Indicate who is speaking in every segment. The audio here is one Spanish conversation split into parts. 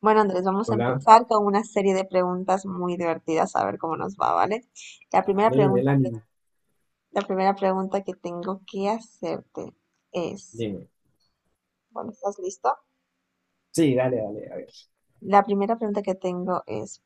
Speaker 1: Bueno, Andrés, vamos a
Speaker 2: Hola,
Speaker 1: empezar con una serie de preguntas muy divertidas, a ver cómo nos va, ¿vale? La primera
Speaker 2: vale,
Speaker 1: pregunta que,
Speaker 2: Melanie,
Speaker 1: la primera pregunta que tengo que hacerte es,
Speaker 2: dime.
Speaker 1: bueno, ¿estás listo?
Speaker 2: Sí, dale, dale, a ver.
Speaker 1: La primera pregunta que tengo es,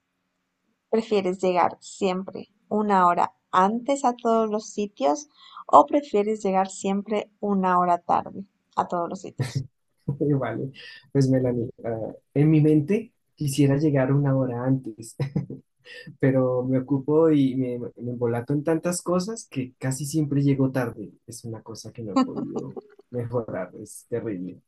Speaker 1: ¿prefieres llegar siempre una hora antes a todos los sitios o prefieres llegar siempre una hora tarde a todos los sitios?
Speaker 2: Vale, pues Melanie, en mi mente quisiera llegar una hora antes, pero me ocupo y me embolato en tantas cosas que casi siempre llego tarde. Es una cosa que no he podido mejorar, es terrible.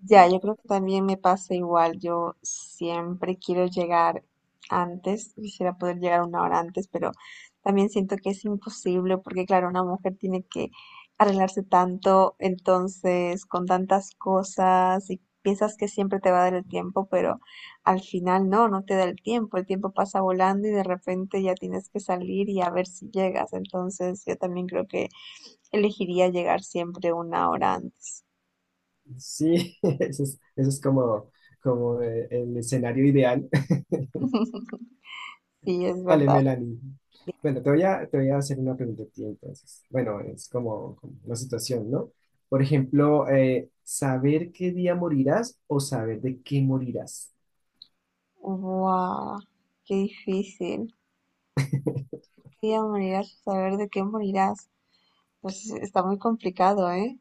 Speaker 1: Ya, yo creo que también me pasa igual. Yo siempre quiero llegar antes, quisiera poder llegar una hora antes, pero también siento que es imposible porque, claro, una mujer tiene que arreglarse tanto, entonces, con tantas cosas y piensas que siempre te va a dar el tiempo, pero al final no, no te da el tiempo. El tiempo pasa volando y de repente ya tienes que salir y a ver si llegas. Entonces, yo también creo que elegiría llegar siempre una hora antes.
Speaker 2: Sí, eso es como, como el escenario ideal.
Speaker 1: Sí, es
Speaker 2: Vale,
Speaker 1: verdad.
Speaker 2: Melanie. Bueno, te voy a hacer una pregunta a ti entonces. Bueno, es como, como una situación, ¿no? Por ejemplo, saber qué día morirás o saber de qué morirás.
Speaker 1: Wow, qué difícil. ¿Qué día morirás por saber de qué morirás? Pues está muy complicado, ¿eh?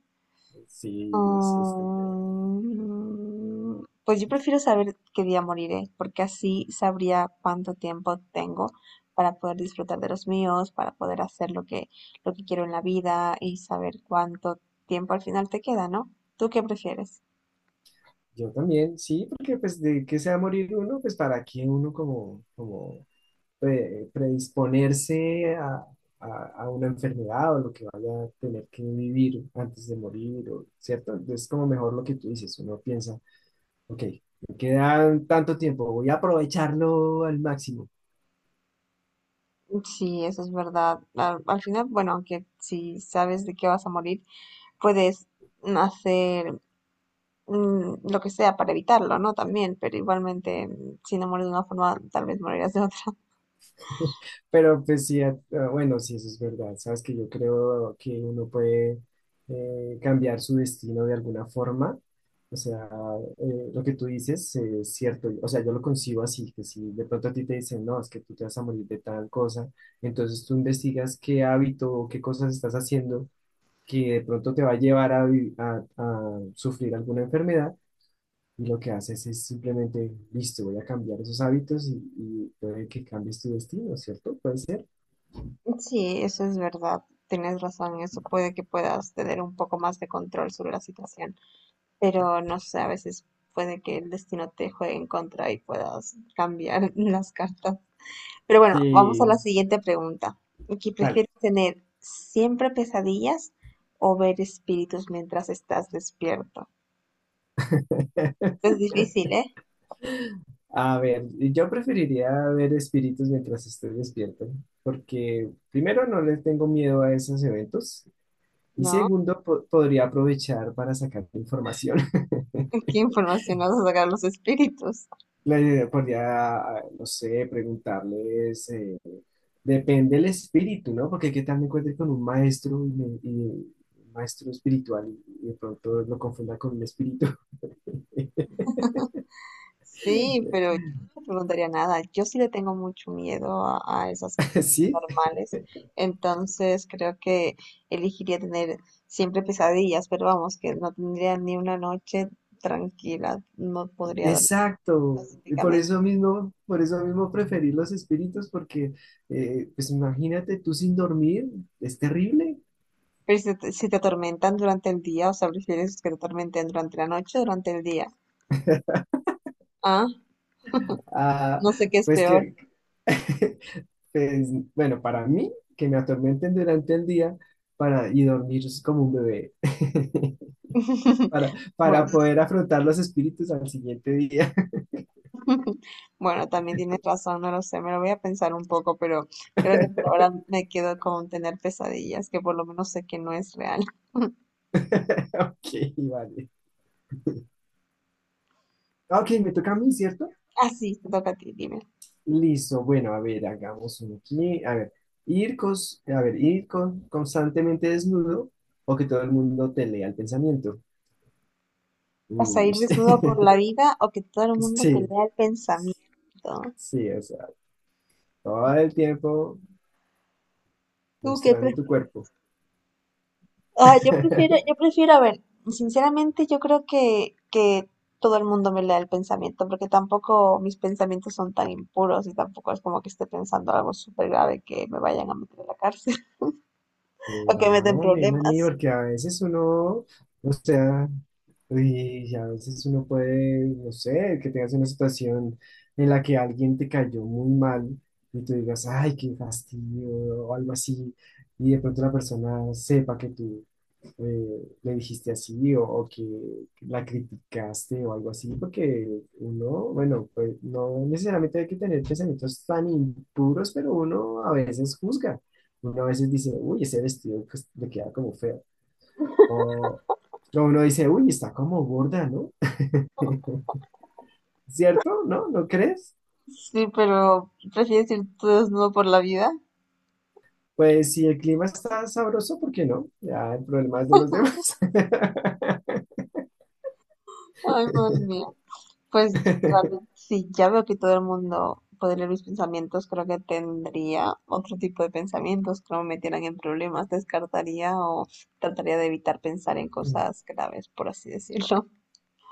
Speaker 2: Sí, es complejo.
Speaker 1: Pues yo prefiero saber qué día moriré, porque así sabría cuánto tiempo tengo para poder disfrutar de los míos, para poder hacer lo que quiero en la vida y saber cuánto tiempo al final te queda, ¿no? ¿Tú qué prefieres?
Speaker 2: Yo también, sí, porque pues de qué se va a morir uno, pues para qué uno como, como predisponerse a una enfermedad o lo que vaya a tener que vivir antes de morir, o- ¿cierto? Entonces, como mejor lo que tú dices, uno piensa. Ok, me quedan tanto tiempo, voy a aprovecharlo al máximo.
Speaker 1: Sí, eso es verdad. Al, al final, bueno, aunque si sabes de qué vas a morir, puedes hacer lo que sea para evitarlo, ¿no? También, pero igualmente, si no mueres de una forma, tal vez morirás de otra.
Speaker 2: Pero pues sí, ah, bueno, sí, eso es verdad. Sabes que yo creo que uno puede cambiar su destino de alguna forma. O sea, lo que tú dices es cierto. O sea, yo lo concibo así, que si de pronto a ti te dicen, no, es que tú te vas a morir de tal cosa, entonces tú investigas qué hábito o qué cosas estás haciendo que de pronto te va a llevar a, a sufrir alguna enfermedad. Y lo que haces es simplemente, listo, voy a cambiar esos hábitos y puede que cambies tu destino, ¿cierto? Puede ser.
Speaker 1: Sí, eso es verdad. Tienes razón, eso puede que puedas tener un poco más de control sobre la situación, pero no sé, a veces puede que el destino te juegue en contra y puedas cambiar las cartas. Pero bueno, vamos a
Speaker 2: Sí,
Speaker 1: la siguiente pregunta. Aquí,
Speaker 2: vale.
Speaker 1: ¿prefieres tener siempre pesadillas o ver espíritus mientras estás despierto? Es difícil, ¿eh?
Speaker 2: A ver, yo preferiría ver espíritus mientras estoy despierto, porque primero no les tengo miedo a esos eventos y
Speaker 1: ¿No?
Speaker 2: segundo podría aprovechar para sacar información.
Speaker 1: ¿Qué información vas a sacar los espíritus?
Speaker 2: Le podría, no sé, preguntarles, depende del espíritu, ¿no? Porque qué tal me encuentre con un maestro y, y un maestro espiritual y de pronto lo confunda con un espíritu.
Speaker 1: Sí, pero yo no le preguntaría nada. Yo sí le tengo mucho miedo a esas cosas
Speaker 2: Sí,
Speaker 1: paranormales. Entonces creo que elegiría tener siempre pesadillas, pero vamos, que no tendría ni una noche tranquila. No podría dormir
Speaker 2: exacto. Y
Speaker 1: pacíficamente.
Speaker 2: por eso mismo preferir los espíritus, porque, pues imagínate tú sin dormir, es terrible.
Speaker 1: Pero si te, si te atormentan durante el día, o sea, prefieres que te atormenten durante la noche o durante el día. Ah,
Speaker 2: Ah,
Speaker 1: no sé qué es
Speaker 2: pues
Speaker 1: peor.
Speaker 2: que pues, bueno, para mí, que me atormenten durante el día para, y dormir como un bebé, para
Speaker 1: Bueno,
Speaker 2: poder afrontar los espíritus al siguiente día.
Speaker 1: bueno, también tienes razón, no lo sé, me lo voy a pensar un poco, pero creo que por ahora me quedo con tener pesadillas, que por lo menos sé que no es real.
Speaker 2: Ok, vale. Ok, me toca a mí, ¿cierto?
Speaker 1: Así, te toca a ti, dime.
Speaker 2: Listo, bueno, a ver, hagamos uno aquí. A ver, ir constantemente desnudo o que todo el mundo te lea el pensamiento.
Speaker 1: ¿Vas a ir
Speaker 2: Uy,
Speaker 1: desnudo por la vida o que todo el mundo te
Speaker 2: sí,
Speaker 1: lea el pensamiento?
Speaker 2: sí, o sea, todo el tiempo
Speaker 1: ¿Tú qué
Speaker 2: mostrando tu cuerpo.
Speaker 1: Ah, yo prefiero, yo prefiero, a ver, sinceramente yo creo que todo el mundo me lea el pensamiento, porque tampoco mis pensamientos son tan impuros y tampoco es como que esté pensando algo súper grave que me vayan a meter a la cárcel o que me
Speaker 2: Verá,
Speaker 1: den
Speaker 2: Melanie,
Speaker 1: problemas.
Speaker 2: porque a veces uno, o sea, y a veces uno puede, no sé, que tengas una situación en la que alguien te cayó muy mal y tú digas, ay, qué fastidio, o algo así, y de pronto la persona sepa que tú le dijiste así o que la criticaste o algo así, porque uno, bueno, pues no necesariamente hay que tener pensamientos tan impuros, pero uno a veces juzga. Uno a veces dice, uy, ese vestido pues, le queda como feo. O o uno dice, uy, está como gorda, ¿no? ¿Cierto? ¿No? ¿No crees?
Speaker 1: Sí, pero prefieres ir tú desnudo por la vida.
Speaker 2: Pues si el clima está sabroso, ¿por qué no? Ya el problema es de los demás.
Speaker 1: Ay, madre mía. Pues realmente, si ya veo que todo el mundo puede leer mis pensamientos, creo que tendría otro tipo de pensamientos que no me metieran en problemas. Descartaría o trataría de evitar pensar en cosas graves, por así decirlo.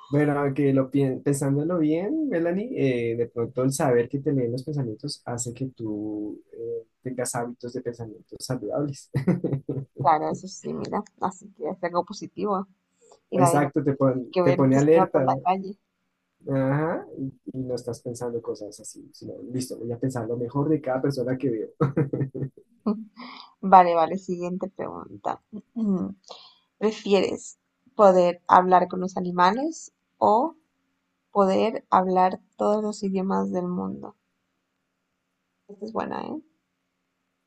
Speaker 2: Bueno, que lo pensándolo bien, Melanie, de pronto el saber que te leen los pensamientos hace que tú tengas hábitos de pensamientos saludables.
Speaker 1: Claro, eso sí, mira. Así que es algo positivo. Y nadie me
Speaker 2: Exacto,
Speaker 1: tiene que
Speaker 2: te
Speaker 1: ver
Speaker 2: pone
Speaker 1: desnuda por
Speaker 2: alerta,
Speaker 1: la
Speaker 2: ¿no?
Speaker 1: calle.
Speaker 2: Ajá, y no estás pensando cosas así, sino, listo, voy a pensar lo mejor de cada persona que veo.
Speaker 1: Vale, vale, siguiente pregunta. ¿Prefieres poder hablar con los animales o poder hablar todos los idiomas del mundo? Esta es buena, ¿eh?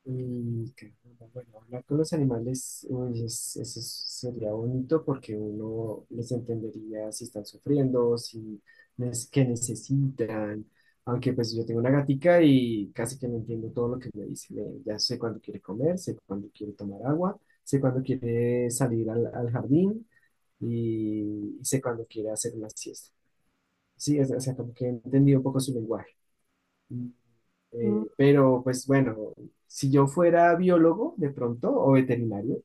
Speaker 2: Y que, bueno, hablar con los animales, uy, sería bonito porque uno les entendería si están sufriendo, si es que necesitan. Aunque pues yo tengo una gatica y casi que no entiendo todo lo que me dice. Ya sé cuándo quiere comer, sé cuándo quiere tomar agua, sé cuándo quiere salir al jardín y sé cuándo quiere hacer una siesta. Sí, o sea, como que he entendido un poco su lenguaje.
Speaker 1: Mm,
Speaker 2: Pero pues bueno, si yo fuera biólogo de pronto o veterinario,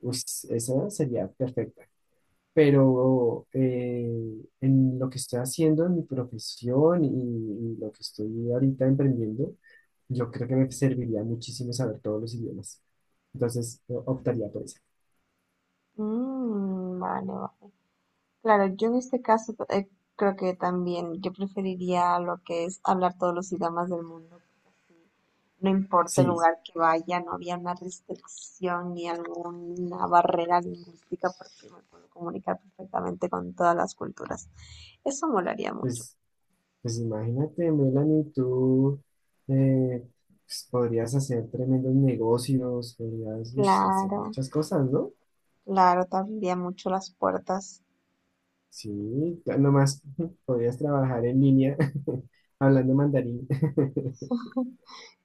Speaker 2: pues esa sería perfecta. Pero en lo que estoy haciendo, en mi profesión y lo que estoy ahorita emprendiendo, yo creo que me serviría muchísimo saber todos los idiomas. Entonces, yo optaría por eso.
Speaker 1: vale, vale. Claro, yo en este caso creo que también yo preferiría lo que es hablar todos los idiomas del mundo, porque así no importa el
Speaker 2: Sí,
Speaker 1: lugar que vaya, no había una restricción ni alguna barrera lingüística porque me puedo comunicar perfectamente con todas las culturas. Eso molaría mucho.
Speaker 2: pues pues imagínate, Melanie, tú eh, pues, podrías hacer tremendos negocios, podrías ush, hacer
Speaker 1: Claro,
Speaker 2: muchas cosas, ¿no?
Speaker 1: claro, te abriría mucho las puertas.
Speaker 2: Sí, ya nomás podrías trabajar en línea hablando mandarín.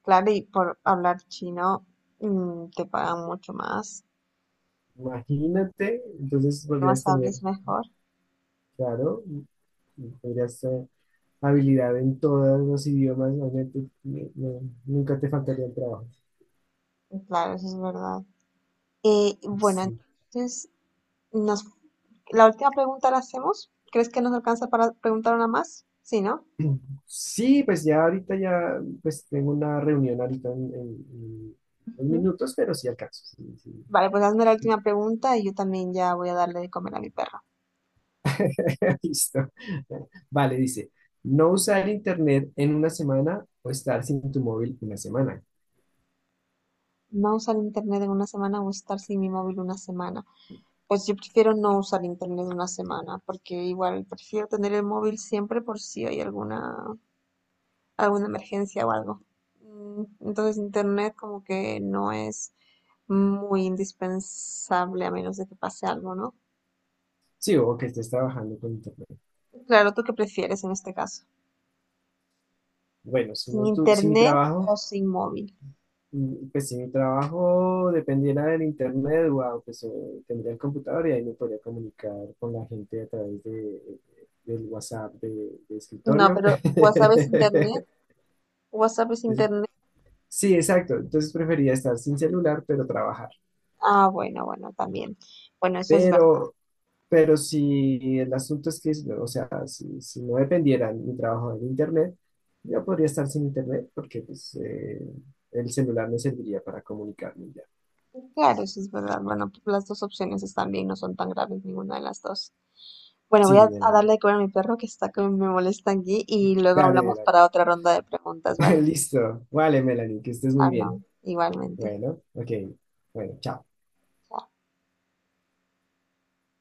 Speaker 1: Claro, y por hablar chino, te pagan mucho más.
Speaker 2: Imagínate, entonces podrías
Speaker 1: Más
Speaker 2: tener,
Speaker 1: hables mejor.
Speaker 2: claro, podrías habilidad en todos los idiomas, obviamente, no, nunca te faltaría el trabajo.
Speaker 1: Claro, eso es verdad. Bueno,
Speaker 2: Sí.
Speaker 1: entonces, nos, la última pregunta la hacemos. ¿Crees que nos alcanza para preguntar una más? Sí, ¿no?
Speaker 2: Sí, pues ya ahorita ya, pues tengo una reunión ahorita en unos
Speaker 1: Ujú.
Speaker 2: minutos, pero sí alcanzo. Sí, sí.
Speaker 1: Vale, pues hazme la última pregunta y yo también ya voy a darle de comer a mi perro.
Speaker 2: Listo. Vale, dice, no usar internet en una semana o estar sin tu móvil una semana.
Speaker 1: ¿No usar internet en una semana o estar sin mi móvil una semana? Pues yo prefiero no usar internet una semana, porque igual prefiero tener el móvil siempre por si hay alguna alguna emergencia o algo. Entonces internet como que no es muy indispensable a menos de que pase algo, ¿no?
Speaker 2: Sí, o que estés trabajando con internet.
Speaker 1: Claro, ¿tú qué prefieres en este caso?
Speaker 2: Bueno, si,
Speaker 1: ¿Sin
Speaker 2: si mi
Speaker 1: internet
Speaker 2: trabajo.
Speaker 1: o sin móvil?
Speaker 2: Mm, pues si mi trabajo dependiera del internet, wow, pues tendría el computador y ahí me podría comunicar con la gente a través del WhatsApp de
Speaker 1: No,
Speaker 2: escritorio.
Speaker 1: pero WhatsApp es internet. WhatsApp es
Speaker 2: Entonces,
Speaker 1: internet.
Speaker 2: sí, exacto. Entonces prefería estar sin celular, pero trabajar.
Speaker 1: Ah, bueno, bueno, también. Bueno, eso es verdad.
Speaker 2: Pero, pero si el asunto es que, o sea, si, si no dependiera mi trabajo del internet, yo podría estar sin internet porque pues el celular me serviría para comunicarme ya.
Speaker 1: Claro, eso es verdad. Bueno, las dos opciones están bien, no son tan graves ninguna de las dos. Bueno, voy
Speaker 2: Sí,
Speaker 1: a
Speaker 2: Melanie.
Speaker 1: darle de comer a mi perro que está que me molesta aquí y luego
Speaker 2: Dale,
Speaker 1: hablamos
Speaker 2: dale.
Speaker 1: para otra ronda de preguntas, ¿vale?
Speaker 2: Listo. Vale, Melanie, que estés muy
Speaker 1: Ah,
Speaker 2: bien.
Speaker 1: no, igualmente.
Speaker 2: Bueno, ok. Bueno, chao.
Speaker 1: Chao.